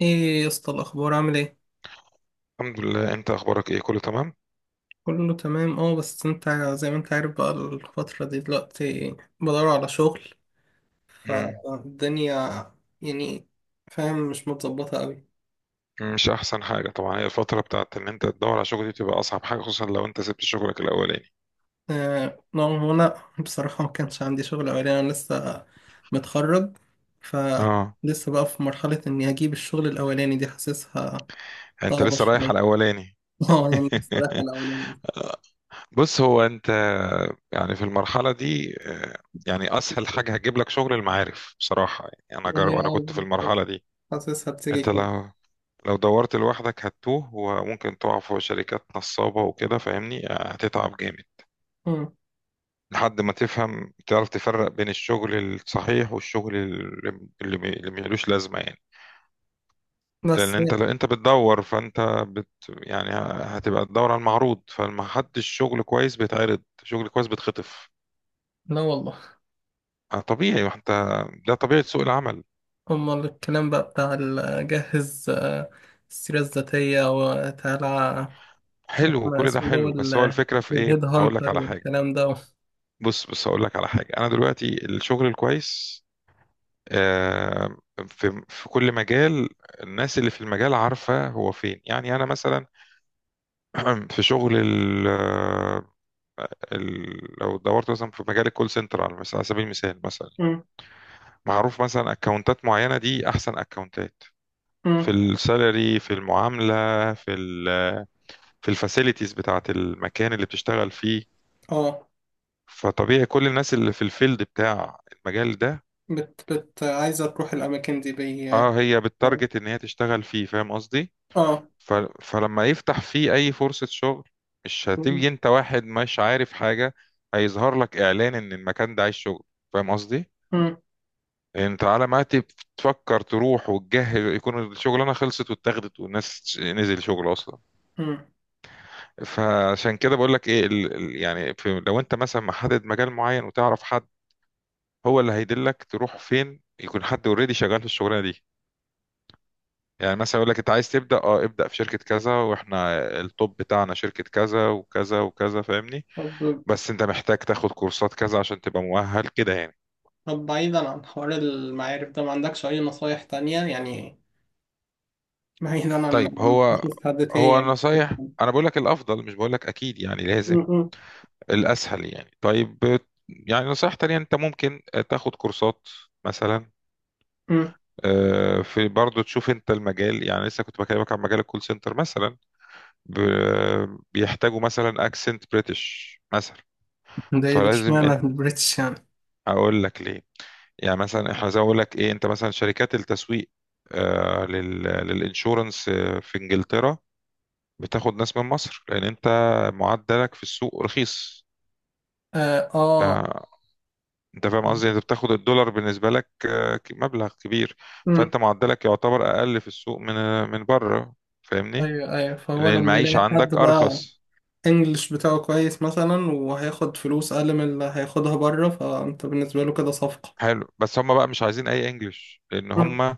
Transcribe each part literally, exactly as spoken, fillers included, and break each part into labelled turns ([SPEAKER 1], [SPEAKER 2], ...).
[SPEAKER 1] ايه يا اسطى الاخبار عامل ايه؟
[SPEAKER 2] الحمد لله، انت اخبارك ايه؟ كله تمام.
[SPEAKER 1] كله تمام. اه بس انت زي ما انت عارف بقى الفترة دي دلوقتي بدور على شغل
[SPEAKER 2] مم.
[SPEAKER 1] فالدنيا، يعني فاهم، مش متظبطة قوي.
[SPEAKER 2] مش احسن حاجه طبعا، هي الفتره بتاعت ان انت تدور على شغل دي بتبقى اصعب حاجه، خصوصا لو انت سبت شغلك الاولاني.
[SPEAKER 1] آه نعم، انا بصراحة ما كانش عندي شغل اولاني، انا لسه متخرج،
[SPEAKER 2] اه،
[SPEAKER 1] فلسه بقى في مرحلة اني اجيب الشغل الاولاني دي، حاسسها
[SPEAKER 2] انت
[SPEAKER 1] صعبة
[SPEAKER 2] لسه رايح
[SPEAKER 1] شوية.
[SPEAKER 2] على الاولاني.
[SPEAKER 1] اه يعني بصراحة الاولاني،
[SPEAKER 2] بص، هو انت يعني في المرحله دي آه، يعني اسهل حاجه هتجيب لك شغل المعارف بصراحه، يعني انا جرب،
[SPEAKER 1] يعني
[SPEAKER 2] انا
[SPEAKER 1] اه
[SPEAKER 2] كنت في
[SPEAKER 1] بالظبط،
[SPEAKER 2] المرحله دي.
[SPEAKER 1] حاسسها بتيجي
[SPEAKER 2] انت
[SPEAKER 1] كده.
[SPEAKER 2] لو لو دورت لوحدك هتتوه، وممكن تقع في شركات نصابه وكده، فاهمني؟ آه، هتتعب جامد
[SPEAKER 1] مم.
[SPEAKER 2] لحد ما تفهم تعرف تفرق بين الشغل الصحيح والشغل اللي اللي بي- اللي ملوش لازمة يعني. لأن
[SPEAKER 1] بس
[SPEAKER 2] أنت لو أنت بتدور فأنت بت يعني هتبقى تدور على المعروض، فمحدش شغل كويس بيتعرض، شغل كويس بيتخطف.
[SPEAKER 1] لا والله.
[SPEAKER 2] آه، طبيعي، وأنت ده طبيعة سوق العمل.
[SPEAKER 1] أمال الكلام بقى بتاع ال- جهز، آه، السيرة الذاتية وتعالى،
[SPEAKER 2] حلو،
[SPEAKER 1] احنا
[SPEAKER 2] كل ده
[SPEAKER 1] اسمه ده
[SPEAKER 2] حلو، بس هو
[SPEAKER 1] وال-
[SPEAKER 2] الفكرة في إيه؟
[SPEAKER 1] والهيد
[SPEAKER 2] أقول لك
[SPEAKER 1] هانتر
[SPEAKER 2] على حاجة.
[SPEAKER 1] والكلام ده.
[SPEAKER 2] بص بص، أقول لك على حاجة، أنا دلوقتي الشغل الكويس آه، في في كل مجال الناس اللي في المجال عارفة هو فين، يعني أنا مثلا في شغل ال ال لو دورت مثلا في مجال الكول سنتر، على مثلا على سبيل المثال مثلا
[SPEAKER 1] مم.
[SPEAKER 2] معروف مثلا اكونتات معينه دي احسن اكونتات في
[SPEAKER 1] مم.
[SPEAKER 2] السالري، في المعامله، في ال في الفاسيلتيز بتاعه المكان اللي بتشتغل فيه.
[SPEAKER 1] اه
[SPEAKER 2] فطبيعي كل الناس اللي في الفيلد بتاع المجال ده
[SPEAKER 1] بت بت عايزة تروح الأماكن دي بي اه.
[SPEAKER 2] اه، هي بتارجت ان هي تشتغل فيه، فاهم قصدي؟
[SPEAKER 1] آه.
[SPEAKER 2] ف... فلما يفتح فيه اي فرصة شغل مش
[SPEAKER 1] مم.
[SPEAKER 2] هتيجي انت واحد مش عارف حاجة، هيظهر لك اعلان ان المكان ده عايز شغل، فاهم قصدي؟ يعني انت على ما تب- تفكر تروح وتجهز يكون الشغلانه خلصت واتاخدت والناس نزل شغل اصلا.
[SPEAKER 1] مم.
[SPEAKER 2] فعشان كده بقول لك ايه ال... ال- يعني في... لو انت مثلا محدد مجال معين وتعرف حد هو اللي هيدلك تروح فين، يكون حد اوريدي شغال في الشغلانه دي، يعني مثلا يقول لك انت عايز تبدا اه ابدا في شركه كذا، واحنا التوب بتاعنا شركه كذا وكذا وكذا، فاهمني؟
[SPEAKER 1] طب،
[SPEAKER 2] بس انت محتاج تاخد كورسات كذا عشان تبقى مؤهل كده يعني.
[SPEAKER 1] طب بعيدا عن حوار المعارف ده، ما عندكش أي نصايح تانية يعني؟ بعيدا عن
[SPEAKER 2] طيب،
[SPEAKER 1] عن
[SPEAKER 2] هو
[SPEAKER 1] تشوف حد تاني
[SPEAKER 2] هو
[SPEAKER 1] يعني.
[SPEAKER 2] النصايح
[SPEAKER 1] مم.
[SPEAKER 2] انا بقول لك الافضل، مش بقول لك اكيد يعني لازم،
[SPEAKER 1] مم.
[SPEAKER 2] الاسهل يعني. طيب، يعني نصيحة تانية، انت ممكن تاخد كورسات مثلا.
[SPEAKER 1] مم.
[SPEAKER 2] آه، في برضه تشوف انت المجال، يعني لسه كنت بكلمك عن مجال الكول سنتر مثلا، ب- بيحتاجوا مثلا اكسنت بريتش مثلا،
[SPEAKER 1] ده ايه ده،
[SPEAKER 2] فلازم.
[SPEAKER 1] اشمعنى البريتش يعني؟
[SPEAKER 2] اقول لك ليه، يعني مثلا احنا زي ما اقول لك ايه، انت مثلا شركات التسويق آه لل للانشورنس آه، في انجلترا بتاخد ناس من مصر لان انت معدلك في السوق رخيص.
[SPEAKER 1] اه.
[SPEAKER 2] آه، انت فاهم قصدي؟ يعني انت بتاخد الدولار بالنسبه لك آه، ك- مبلغ كبير. فانت
[SPEAKER 1] آه.
[SPEAKER 2] معدلك يعتبر اقل في السوق من آه، من بره، فاهمني؟
[SPEAKER 1] ايوه ايوه، فهو
[SPEAKER 2] لان
[SPEAKER 1] لما
[SPEAKER 2] المعيشه
[SPEAKER 1] يلاقي حد
[SPEAKER 2] عندك
[SPEAKER 1] بقى
[SPEAKER 2] ارخص.
[SPEAKER 1] انجلش بتاعه كويس مثلا وهياخد فلوس اقل من اللي هياخدها بره، فانت بالنسبه له كده صفقه.
[SPEAKER 2] حلو، بس هم بقى مش عايزين اي انجليش، لان
[SPEAKER 1] مم.
[SPEAKER 2] هم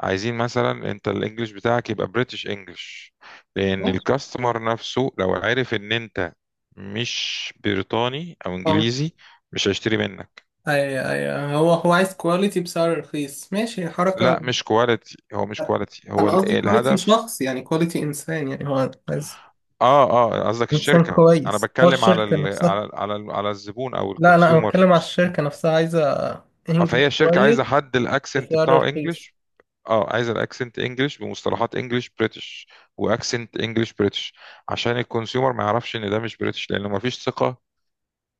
[SPEAKER 2] عايزين مثلا انت الانجليش بتاعك يبقى بريتش انجليش، لان
[SPEAKER 1] ماشي.
[SPEAKER 2] الكاستمر نفسه لو عارف ان انت مش بريطاني او
[SPEAKER 1] اه
[SPEAKER 2] انجليزي مش هيشتري منك.
[SPEAKER 1] ايوه ايوه، هو هو عايز كواليتي بسعر رخيص، ماشي حركه.
[SPEAKER 2] لا مش كواليتي، هو مش كواليتي، هو
[SPEAKER 1] انا
[SPEAKER 2] ال-
[SPEAKER 1] قصدي كواليتي
[SPEAKER 2] الهدف.
[SPEAKER 1] شخص، يعني كواليتي انسان، يعني هو عايز
[SPEAKER 2] اه اه، قصدك
[SPEAKER 1] انسان
[SPEAKER 2] الشركة. انا
[SPEAKER 1] كويس، هو
[SPEAKER 2] بتكلم على
[SPEAKER 1] الشركه
[SPEAKER 2] ال
[SPEAKER 1] نفسها.
[SPEAKER 2] على ال على, ال على الزبون او
[SPEAKER 1] لا لا، انا بتكلم
[SPEAKER 2] الكونسيومر.
[SPEAKER 1] على الشركه نفسها عايزه انجلش
[SPEAKER 2] فهي الشركة
[SPEAKER 1] كويس
[SPEAKER 2] عايزة حد الاكسنت
[SPEAKER 1] بسعر
[SPEAKER 2] بتاعه
[SPEAKER 1] رخيص.
[SPEAKER 2] انجليش. اه، عايز الاكسنت انجلش بمصطلحات انجلش بريتش، واكسنت انجلش بريتش، عشان الكونسيومر ما يعرفش ان ده مش بريتش، لانه ما فيش ثقة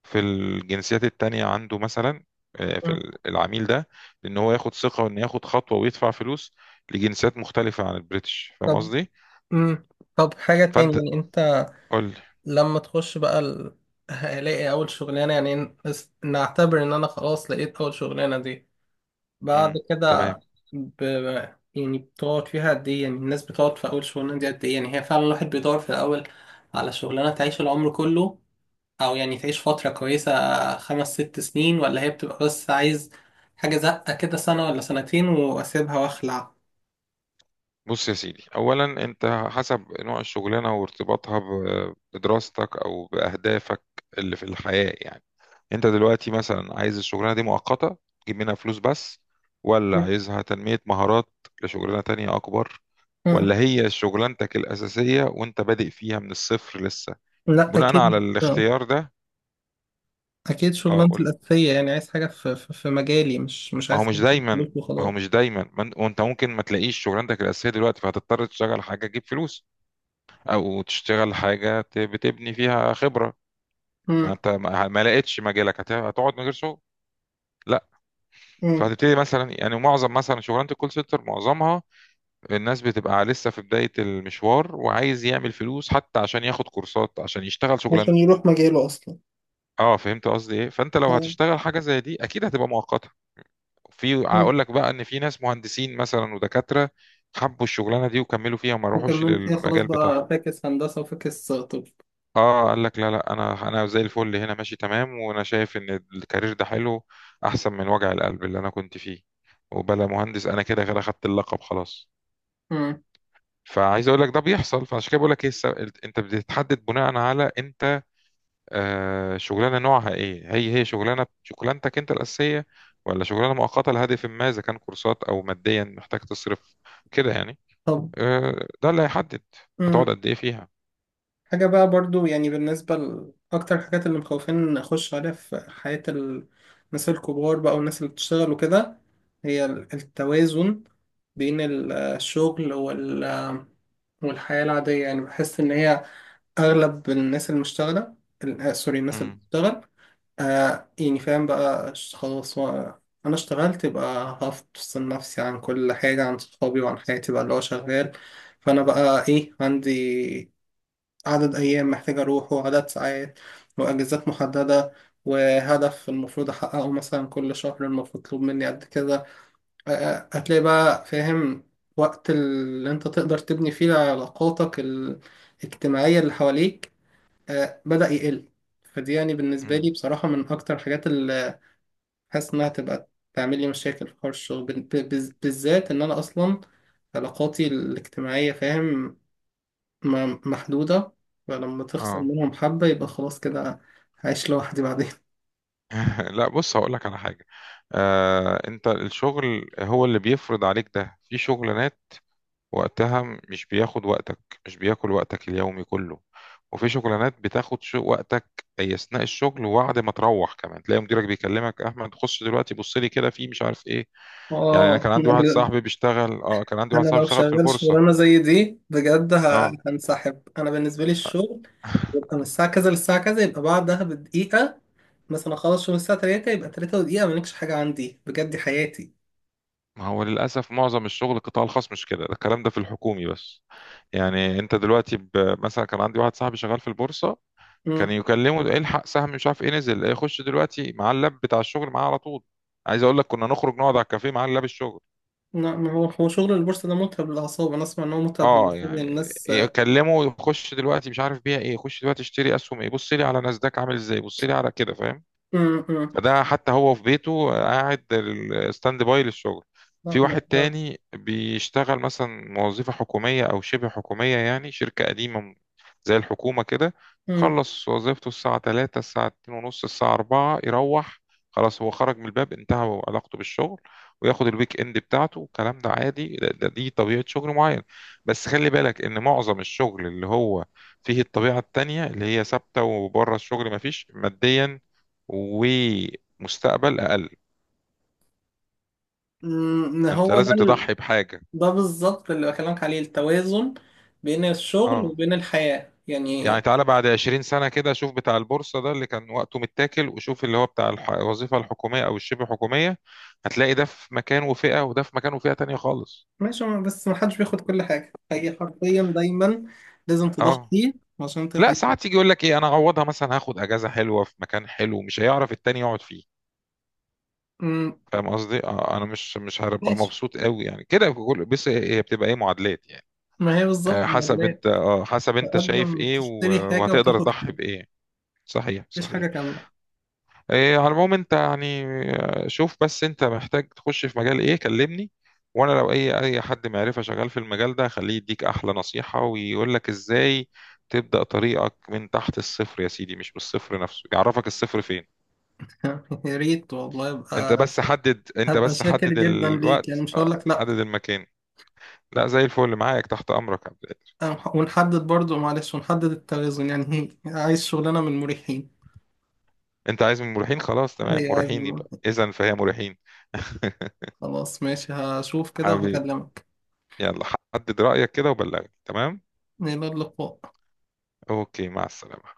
[SPEAKER 2] في الجنسيات التانية عنده مثلا. آه، في
[SPEAKER 1] مم.
[SPEAKER 2] ال- العميل ده، ان هو ياخد ثقة وان ياخد خطوة ويدفع فلوس لجنسيات مختلفة عن البريتش، فاهم
[SPEAKER 1] طب.
[SPEAKER 2] قصدي؟
[SPEAKER 1] مم. طب حاجه تاني،
[SPEAKER 2] فانت
[SPEAKER 1] يعني انت
[SPEAKER 2] قول لي.
[SPEAKER 1] لما تخش بقى ال... هلاقي أول شغلانة، يعني ن- نس- نعتبر إن أنا خلاص لقيت أول شغلانة دي، بعد
[SPEAKER 2] مم،
[SPEAKER 1] كده
[SPEAKER 2] تمام.
[SPEAKER 1] ب... يعني بتقعد فيها قد إيه؟ يعني الناس بتقعد في أول شغلانة دي قد إيه؟ يعني هي فعلا الواحد بيدور في الأول على شغلانة تعيش العمر كله، أو يعني تعيش فترة كويسة، خمس ست سنين، ولا هي بتبقى بس عايز حاجة زقة كده سنة ولا سنتين وأسيبها وأخلع.
[SPEAKER 2] بص يا سيدي، اولا انت حسب نوع الشغلانه وارتباطها ب- بدراستك او باهدافك اللي في الحياه يعني. انت دلوقتي مثلا عايز الشغلانه دي مؤقته تجيب منها فلوس بس، ولا عايزها تنميه مهارات لشغلانه تانية اكبر،
[SPEAKER 1] مم.
[SPEAKER 2] ولا هي شغلانتك الاساسيه وانت بادئ فيها من الصفر لسه؟
[SPEAKER 1] لا
[SPEAKER 2] بناء على
[SPEAKER 1] أكيد،
[SPEAKER 2] الاختيار ده
[SPEAKER 1] اكيد
[SPEAKER 2] اه،
[SPEAKER 1] شغلانتي
[SPEAKER 2] قول لي.
[SPEAKER 1] الاساسيه، يعني عايز حاجه في في في مجالي، مش مش
[SPEAKER 2] ما هو
[SPEAKER 1] عايز
[SPEAKER 2] مش
[SPEAKER 1] حاجه في
[SPEAKER 2] دايما
[SPEAKER 1] فلوس
[SPEAKER 2] ما هو
[SPEAKER 1] وخلاص.
[SPEAKER 2] مش دايما ما انت وانت ممكن ما تلاقيش شغلانتك الاساسيه دلوقتي، فهتضطر تشتغل حاجه تجيب فلوس، او تشتغل حاجه ت- بتبني فيها خبره. ما
[SPEAKER 1] امم.
[SPEAKER 2] انت ما ما لقيتش مجالك، هت- هتقعد من غير شغل؟ لا.
[SPEAKER 1] امم،
[SPEAKER 2] فهتبتدي مثلا، يعني معظم مثلا شغلانه الكول سنتر معظمها الناس بتبقى لسه في بداية المشوار، وعايز يعمل فلوس حتى عشان ياخد كورسات عشان يشتغل
[SPEAKER 1] عشان
[SPEAKER 2] شغلانته.
[SPEAKER 1] يروح مجاله اصلا.
[SPEAKER 2] اه، فهمت قصدي ايه؟ فانت لو
[SPEAKER 1] آه.
[SPEAKER 2] هتشتغل حاجة زي دي اكيد هتبقى مؤقتة. في،
[SPEAKER 1] امم،
[SPEAKER 2] اقول لك بقى ان في ناس مهندسين مثلا ودكاترة حبوا الشغلانة دي وكملوا فيها وما روحوش
[SPEAKER 1] وكمل فيها خلاص
[SPEAKER 2] للمجال بتاعهم.
[SPEAKER 1] بقى، فاكس هندسه وفاكس طب.
[SPEAKER 2] اه، قال لك لا لا، انا انا زي الفل هنا، ماشي تمام، وانا شايف ان الكارير ده حلو، احسن من وجع القلب اللي انا كنت فيه، وبلا مهندس، انا كده كده خدت اللقب خلاص.
[SPEAKER 1] امم.
[SPEAKER 2] فعايز اقول لك ده بيحصل، فعشان كده بقول لك ايه الس- انت بتتحدد بناء على انت آه شغلانه نوعها ايه، هي هي شغلانه شغلانتك انت الاساسيه، ولا شغلانه مؤقته لهدف ما، اذا كان كورسات او ماديا محتاج تصرف كده يعني.
[SPEAKER 1] طب.
[SPEAKER 2] آه، ده اللي هيحدد هتقعد
[SPEAKER 1] امم،
[SPEAKER 2] قد ايه فيها.
[SPEAKER 1] حاجه بقى برضو يعني بالنسبه لاكتر الحاجات اللي مخوفين اخش عليها في حياه ال- الناس الكبار بقى والناس اللي بتشتغل وكده، هي ال- التوازن بين ال- الشغل وال والحياة العادية، يعني بحس إن هي اغلب الناس المشتغله ال- آه، سوري، الناس اللي
[SPEAKER 2] امم
[SPEAKER 1] بتشتغل آه، يعني فاهم بقى، ش- خلاص و- انا اشتغلت يبقى هفصل نفسي عن كل حاجه، عن صحابي وعن حياتي بقى اللي هو شغال، فانا بقى ايه، عندي عدد ايام محتاج اروحه وعدد ساعات واجازات محدده وهدف المفروض احققه، مثلا كل شهر المفروض مطلوب مني قد كذا، آه، آه، هتلاقي بقى فاهم وقت اللي انت تقدر تبني فيه علاقاتك ال- الاجتماعية اللي حواليك آه، بدأ يقل. فدي يعني بالنسبة لي
[SPEAKER 2] امم
[SPEAKER 1] بصراحة من أكتر الحاجات اللي حاسس إنها تبقى تعمل لي مشاكل في حوار الشغل بال- ب- بز- بالذات، إن أنا أصلا علاقاتي الاجتماعية فاهم م- محدودة، فلما تخسر
[SPEAKER 2] اه.
[SPEAKER 1] منهم حبة يبقى خلاص كده هعيش لوحدي بعدين.
[SPEAKER 2] لا، بص، هقول لك على حاجه. آه، انت الشغل هو اللي بيفرض عليك. ده في شغلانات وقتها مش بياخد وقتك، مش بياكل وقتك اليومي كله، وفي شغلانات بتاخد شو وقتك أي أثناء الشغل، وبعد ما تروح كمان تلاقي مديرك بيكلمك، أحمد خش دلوقتي بص لي كده في مش عارف إيه. يعني أنا
[SPEAKER 1] آه
[SPEAKER 2] كان عندي واحد
[SPEAKER 1] يعني
[SPEAKER 2] صاحبي بيشتغل أه كان عندي واحد
[SPEAKER 1] أنا
[SPEAKER 2] صاحبي
[SPEAKER 1] لو
[SPEAKER 2] بيشتغل في
[SPEAKER 1] شغال
[SPEAKER 2] البورصة.
[SPEAKER 1] شغلانة زي دي بجد ه-
[SPEAKER 2] أه
[SPEAKER 1] هنسحب. أنا بالنسبة لي الشغل يبقى من الساعة كذا للساعة كذا، يبقى بعدها بدقيقة مثلا، أخلص شغل الساعة تلاتة يبقى تلاتة ودقيقة مالكش حاجة عندي، بجد دي حياتي.
[SPEAKER 2] ما هو للأسف معظم الشغل القطاع الخاص مش كده، ده الكلام ده في الحكومي بس. يعني أنت دلوقتي ب... مثلا كان عندي واحد صاحبي شغال في البورصة، كان
[SPEAKER 1] امم.
[SPEAKER 2] يكلمه، ده الحق سهم مش عارف ايه نزل إيه، خش دلوقتي مع اللاب بتاع الشغل معاه على طول. عايز اقول لك كنا نخرج نقعد على الكافيه مع اللاب الشغل.
[SPEAKER 1] لا ما هو هو شغل البورصة ده متعب للأعصاب، أنا أسمع إن هو متعب
[SPEAKER 2] اه
[SPEAKER 1] للأعصاب يعني
[SPEAKER 2] يعني،
[SPEAKER 1] الناس.
[SPEAKER 2] يكلمه خش دلوقتي مش عارف بيها ايه، خش دلوقتي اشتري اسهم ايه، بص لي على ناسداك عامل ازاي، بص لي على كده، فاهم؟
[SPEAKER 1] امم. امم،
[SPEAKER 2] فده حتى هو في بيته قاعد ستاند باي للشغل.
[SPEAKER 1] لا
[SPEAKER 2] في
[SPEAKER 1] ما
[SPEAKER 2] واحد
[SPEAKER 1] أقدرش.
[SPEAKER 2] تاني بيشتغل مثلا وظيفة حكومية أو شبه حكومية، يعني شركة قديمة م- زي الحكومة كده،
[SPEAKER 1] امم.
[SPEAKER 2] خلص وظيفته الساعة تلاتة، الساعة اتنين ونص، الساعة أربعة يروح، خلاص هو خرج من الباب انتهى علاقته بالشغل، وياخد الويك اند بتاعته. الكلام ده عادي، ده, ده دي طبيعة شغل معين. بس خلي بالك إن معظم الشغل اللي هو فيه الطبيعة التانية اللي هي ثابتة وبره الشغل مفيش ماديا ومستقبل اقل.
[SPEAKER 1] أمم،
[SPEAKER 2] انت
[SPEAKER 1] هو ده
[SPEAKER 2] لازم
[SPEAKER 1] ال...
[SPEAKER 2] تضحي بحاجه.
[SPEAKER 1] ده بالظبط اللي بكلمك عليه، التوازن بين الشغل
[SPEAKER 2] اه
[SPEAKER 1] وبين الحياة
[SPEAKER 2] يعني،
[SPEAKER 1] يعني.
[SPEAKER 2] تعالى بعد عشرين سنه كده، شوف بتاع البورصه ده اللي كان وقته متاكل، وشوف اللي هو بتاع الح- الوظيفه الحكوميه او الشبه حكوميه، هتلاقي ده في مكان وفئه، وده في مكان وفئه تانية خالص.
[SPEAKER 1] ماشي، ما- بس ما حدش بياخد كل حاجة، هي حرفيا دايما لازم
[SPEAKER 2] اه
[SPEAKER 1] تضحي عشان
[SPEAKER 2] لا،
[SPEAKER 1] تاخد.
[SPEAKER 2] ساعات يجي يقول لك ايه، انا اعوضها مثلا هاخد اجازه حلوه في مكان حلو مش هيعرف التاني يقعد فيه،
[SPEAKER 1] امم.
[SPEAKER 2] فاهم قصدي؟ آه، انا مش مش هبقى
[SPEAKER 1] ماشي،
[SPEAKER 2] مبسوط قوي يعني كده، كل- بس هي بتبقى ايه معادلات يعني.
[SPEAKER 1] ما هي بالظبط،
[SPEAKER 2] آه، حسب
[SPEAKER 1] ما
[SPEAKER 2] انت اه، حسب انت شايف
[SPEAKER 1] تقدم
[SPEAKER 2] ايه
[SPEAKER 1] تشتري
[SPEAKER 2] و-
[SPEAKER 1] حاجة
[SPEAKER 2] وهتقدر
[SPEAKER 1] وتاخد
[SPEAKER 2] تضحي
[SPEAKER 1] حاجة،
[SPEAKER 2] بايه. صحيح
[SPEAKER 1] مفيش
[SPEAKER 2] صحيح.
[SPEAKER 1] حاجة كاملة.
[SPEAKER 2] إيه، على العموم انت يعني آه، شوف بس انت محتاج تخش في مجال ايه كلمني، وانا لو اي اي حد معرفة شغال في المجال ده خليه يديك احلى نصيحة ويقول لك ازاي تبدأ طريقك من تحت الصفر يا سيدي، مش بالصفر نفسه، يعرفك الصفر فين.
[SPEAKER 1] يا ريت والله،
[SPEAKER 2] انت
[SPEAKER 1] يبقى
[SPEAKER 2] بس حدد، انت
[SPEAKER 1] هبقى
[SPEAKER 2] بس
[SPEAKER 1] شاكر
[SPEAKER 2] حدد
[SPEAKER 1] جدا ليك، يعني
[SPEAKER 2] الوقت،
[SPEAKER 1] مش هقول
[SPEAKER 2] آه،
[SPEAKER 1] لك لا.
[SPEAKER 2] حدد المكان. لا زي الفل، معاك تحت امرك يا عبد القادر.
[SPEAKER 1] ونحدد برضو معلش، ونحدد التوازن يعني، هي عايز شغلانة من المريحين،
[SPEAKER 2] انت عايز من مريحين؟ خلاص تمام،
[SPEAKER 1] هي عايز من
[SPEAKER 2] مريحين يبقى،
[SPEAKER 1] المريحين.
[SPEAKER 2] اذا فهي مريحين.
[SPEAKER 1] خلاص ماشي، هشوف كده
[SPEAKER 2] حبيبي،
[SPEAKER 1] وهكلمك.
[SPEAKER 2] يلا، حدد رأيك كده وبلغني. تمام،
[SPEAKER 1] إلى اللقاء.
[SPEAKER 2] اوكي، مع السلامة.